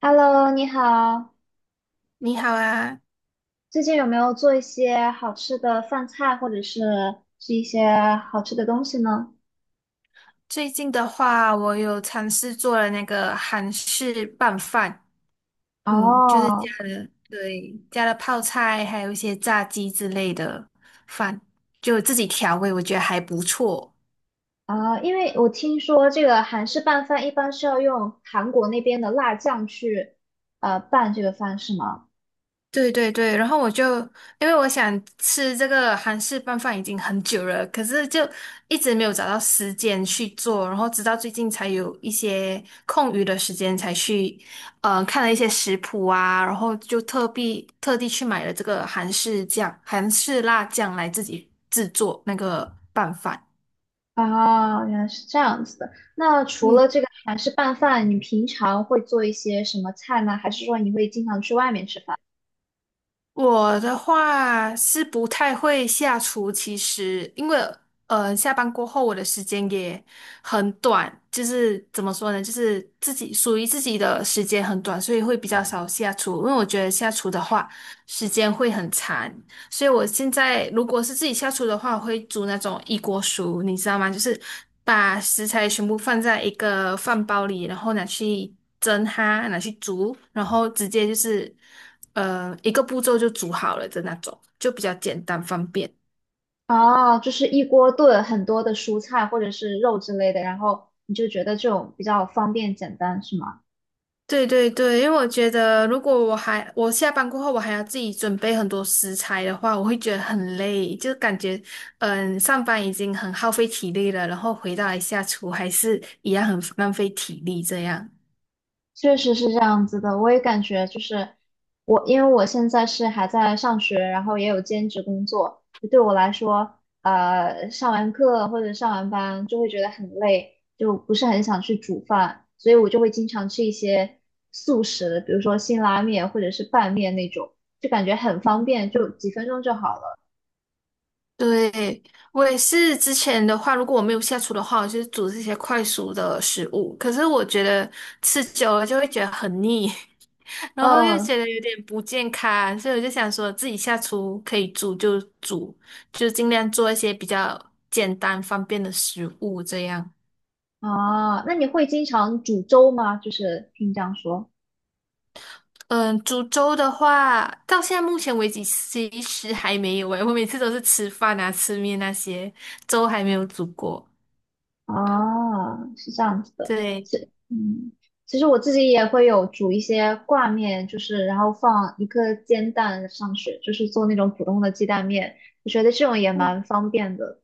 Hello，你好，你好啊。最近有没有做一些好吃的饭菜，或者是是一些好吃的东西呢？最近的话，我有尝试做了那个韩式拌饭，就是哦，加了，对，加了泡菜，还有一些炸鸡之类的饭，就自己调味，我觉得还不错。啊，因为我听说这个韩式拌饭一般是要用韩国那边的辣酱去拌这个饭，是吗？对对对，然后我就因为我想吃这个韩式拌饭已经很久了，可是就一直没有找到时间去做，然后直到最近才有一些空余的时间才去，看了一些食谱啊，然后就特地去买了这个韩式酱、韩式辣酱来自己制作那个拌饭。啊，原来是这样子的。那除了嗯。这个韩式拌饭，你平常会做一些什么菜呢？还是说你会经常去外面吃饭？我的话是不太会下厨，其实因为下班过后我的时间也很短，就是怎么说呢，就是自己属于自己的时间很短，所以会比较少下厨，因为我觉得下厨的话时间会很长。所以我现在如果是自己下厨的话，我会煮那种一锅熟，你知道吗？就是把食材全部放在一个饭包里，然后拿去蒸它，拿去煮，然后直接就是一个步骤就煮好了的那种，就比较简单方便。啊，就是一锅炖很多的蔬菜或者是肉之类的，然后你就觉得这种比较方便简单，是吗？对对对，因为我觉得如果我下班过后我还要自己准备很多食材的话，我会觉得很累，就感觉上班已经很耗费体力了，然后回到来下厨还是一样很浪费体力这样。确实是这样子的，我也感觉就是我，因为我现在是还在上学，然后也有兼职工作，就对我来说，上完课或者上完班就会觉得很累，就不是很想去煮饭，所以我就会经常吃一些速食，比如说辛拉面或者是拌面那种，就感觉很方便，就几分钟就好了。对，我也是之前的话，如果我没有下厨的话，我就是煮这些快熟的食物。可是我觉得吃久了就会觉得很腻，然后又嗯，觉得有点不健康，所以我就想说自己下厨可以煮就煮，就尽量做一些比较简单方便的食物这样。啊，那你会经常煮粥吗？就是听你这样说嗯，煮粥的话，到现在目前为止其实还没有诶，我每次都是吃饭啊、吃面那些，粥还没有煮过。啊，是这样子的。对。是，嗯，其实我自己也会有煮一些挂面，就是然后放一个煎蛋上去，就是做那种普通的鸡蛋面。我觉得这种也蛮方便的。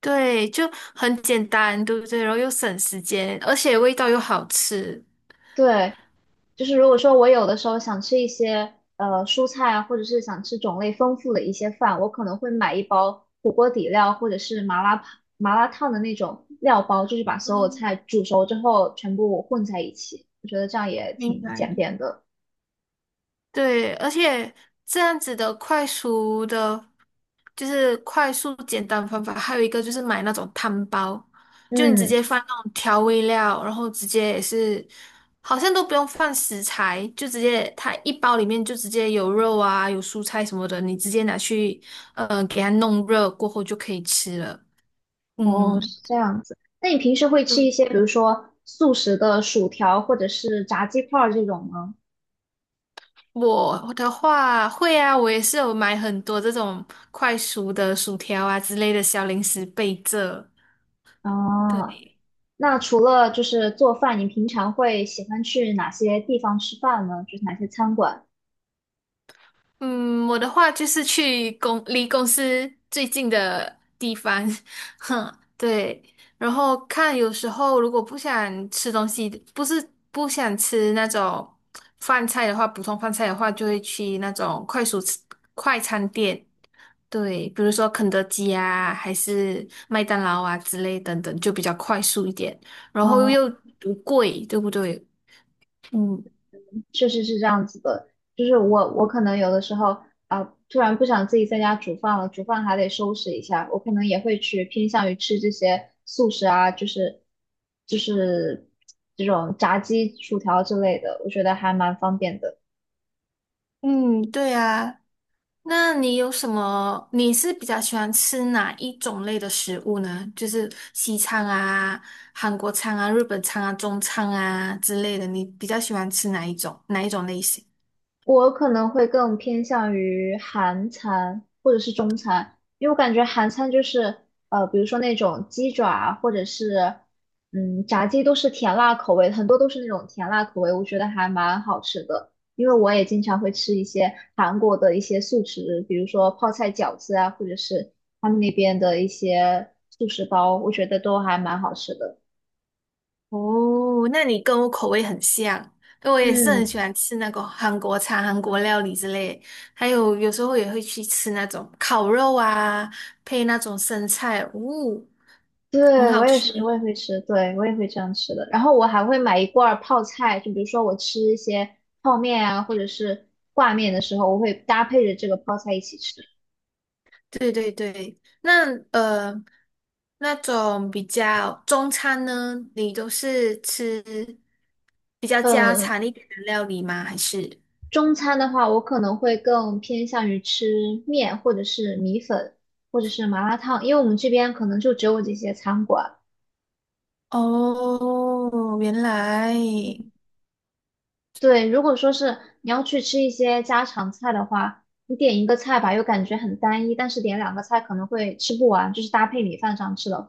对，就很简单，对不对？然后又省时间，而且味道又好吃。对，就是如果说我有的时候想吃一些蔬菜啊，或者是想吃种类丰富的一些饭，我可能会买一包火锅底料或者是麻辣烫的那种料包，就是把所有嗯，菜煮熟之后全部混在一起。我觉得这样也明挺白。简便的。对，而且这样子的快速的，就是快速简单方法，还有一个就是买那种汤包，就你直嗯，接放那种调味料，然后直接也是，好像都不用放食材，就直接它一包里面就直接有肉啊，有蔬菜什么的，你直接拿去，呃，给它弄热过后就可以吃了。哦，嗯。是这样子。那你平时会吃一些，比如说速食的薯条或者是炸鸡块儿这种吗？我的话会啊，我也是有买很多这种快熟的薯条啊之类的小零食备着。啊。对。那除了就是做饭，你平常会喜欢去哪些地方吃饭呢？就是哪些餐馆？嗯，我的话就是去公司最近的地方，哼，对。然后看有时候如果不想吃东西，不是不想吃那种饭菜的话，普通饭菜的话，就会去那种快速吃快餐店，对，比如说肯德基啊，还是麦当劳啊之类等等，就比较快速一点，然后啊、又不贵，对不对？嗯确实是这样子的。就是我，我可能有的时候啊、突然不想自己在家煮饭了，煮饭还得收拾一下，我可能也会去偏向于吃这些素食啊，就是这种炸鸡、薯条之类的，我觉得还蛮方便的。嗯，对啊。那你有什么？你是比较喜欢吃哪一种类的食物呢？就是西餐啊、韩国餐啊、日本餐啊、中餐啊之类的，你比较喜欢吃哪一种？哪一种类型？我可能会更偏向于韩餐或者是中餐，因为我感觉韩餐就是比如说那种鸡爪啊或者是炸鸡都是甜辣口味，很多都是那种甜辣口味，我觉得还蛮好吃的。因为我也经常会吃一些韩国的一些素食，比如说泡菜饺子啊，或者是他们那边的一些素食包，我觉得都还蛮好吃的。哦，那你跟我口味很像，因为我也是很喜嗯。欢吃那个韩国餐、韩国料理之类，还有有时候也会去吃那种烤肉啊，配那种生菜，很对，我好也吃。是，我也会吃，对，我也会这样吃的。然后我还会买一罐儿泡菜，就比如说我吃一些泡面啊，或者是挂面的时候，我会搭配着这个泡菜一起吃。对对对，那那种比较中餐呢，你都是吃比较家呃，常一点的料理吗？还是？中餐的话，我可能会更偏向于吃面，或者是米粉，或者是麻辣烫，因为我们这边可能就只有这些餐馆。哦，原来，对，如果说是你要去吃一些家常菜的话，你点一个菜吧，又感觉很单一，但是点两个菜可能会吃不完，就是搭配米饭上吃的话。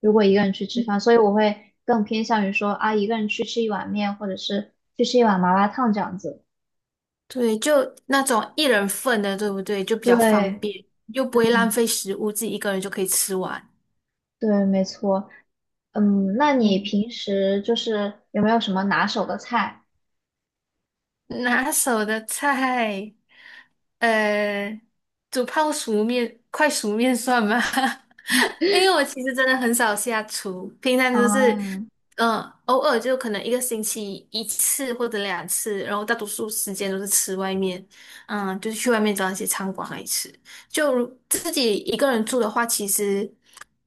如果一个人去吃饭，所以我会更偏向于说啊，一个人去吃一碗面，或者是去吃一碗麻辣烫这样子。对，就那种一人份的，对不对？就比较方对便，又不会浪费食物，自己一个人就可以吃完。对，没错。嗯，那你嗯。平时就是有没有什么拿手的菜拿手的菜，呃，煮泡熟面、快熟面算吗？因为我其实真的很少下厨，平常就是，啊？嗯、偶尔就可能一个星期一次或者两次，然后大多数时间都是吃外面，嗯，就是去外面找一些餐馆来吃。就如自己一个人住的话，其实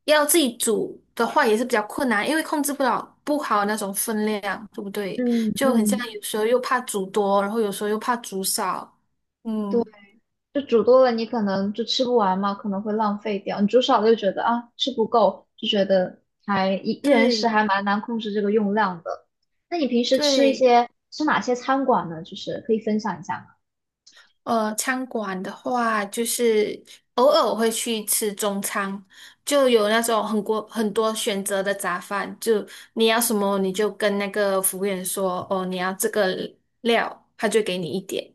要自己煮的话也是比较困难，因为控制不好那种分量，对不对？嗯就很像嗯，有时候又怕煮多，然后有时候又怕煮少。对，嗯就煮多了你可能就吃不完嘛，可能会浪费掉。你煮少了就觉得啊吃不够，就觉得还一人食对还蛮难控制这个用量的。那你平时吃一对，些吃哪些餐馆呢？就是可以分享一下吗？餐馆的话，就是偶尔我会去吃中餐，就有那种很多很多选择的杂饭，就你要什么你就跟那个服务员说，哦，你要这个料，他就给你一点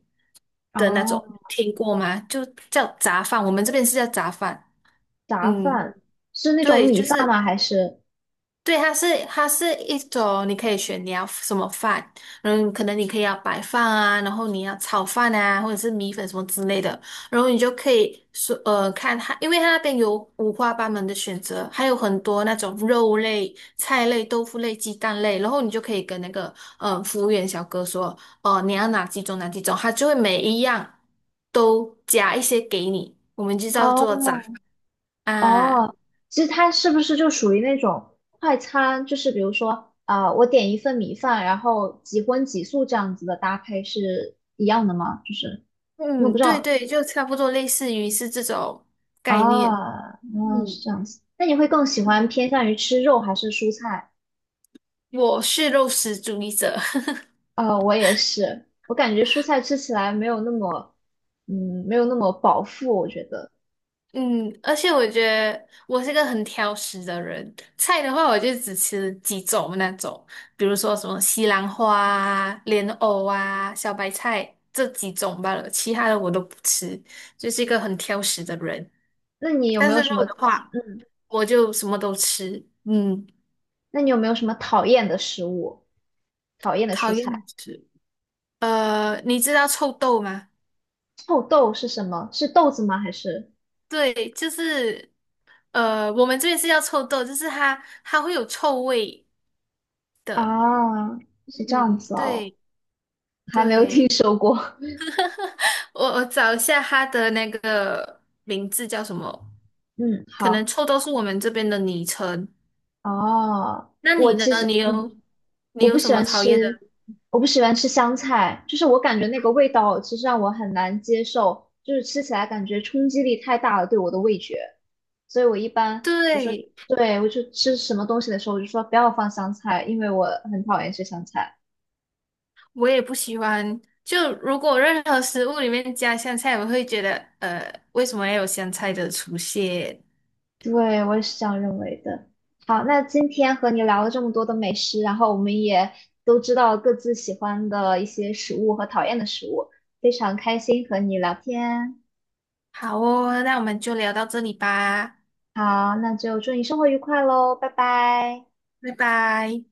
的那种，哦。听过吗？就叫杂饭，我们这边是叫杂饭。杂嗯饭是那种对，米就饭是吗？还是对，它是一种，你可以选你要什么饭，嗯，可能你可以要白饭啊，然后你要炒饭啊，或者是米粉什么之类的，然后你就可以说看它，因为它那边有五花八门的选择，还有很多那种肉类、菜类、豆腐类、鸡蛋类，然后你就可以跟那个服务员小哥说，哦、你要哪几种，他就会每一样都加一些给你，我们就叫哦做杂啊。哦，其实它是不是就属于那种快餐？就是比如说啊、我点一份米饭，然后几荤几素这样子的搭配是一样的吗？就是因为我不嗯，知对道对，就差不多类似于是这种概念。啊，嗯，是嗯，这样子。那你会更喜欢偏向于吃肉还是蔬菜？我是肉食主义者。啊、我也是，我感觉蔬菜吃起来没有那么，嗯，没有那么饱腹，我觉得。嗯，而且我觉得我是个很挑食的人，菜的话我就只吃几种那种，比如说什么西兰花啊、莲藕啊、小白菜这几种罢了，其他的我都不吃，就是一个很挑食的人。那你有没但有是什肉么的话，我就什么都吃，嗯，那你有没有什么讨厌的食物？讨厌的讨蔬厌菜？吃。你知道臭豆吗？臭豆是什么？是豆子吗？还是对，就是我们这边是叫臭豆，就是它会有臭味的。啊？是这样嗯，子哦，对还没有听对，说过。我找一下它的那个名字叫什么？嗯，可能好。臭豆是我们这边的昵称。哦，那我你呢？其实你有嗯，你我不有什喜么欢讨厌吃，的？我不喜欢吃香菜，就是我感觉那个味道其实让我很难接受，就是吃起来感觉冲击力太大了，对我的味觉。所以我一般，对，对，我就吃什么东西的时候，我就说不要放香菜，因为我很讨厌吃香菜。我也不喜欢。就如果任何食物里面加香菜，我会觉得为什么要有香菜的出现？对，我也是这样认为的。好，那今天和你聊了这么多的美食，然后我们也都知道各自喜欢的一些食物和讨厌的食物，非常开心和你聊天。好哦，那我们就聊到这里吧，好，那就祝你生活愉快喽，拜拜。拜拜。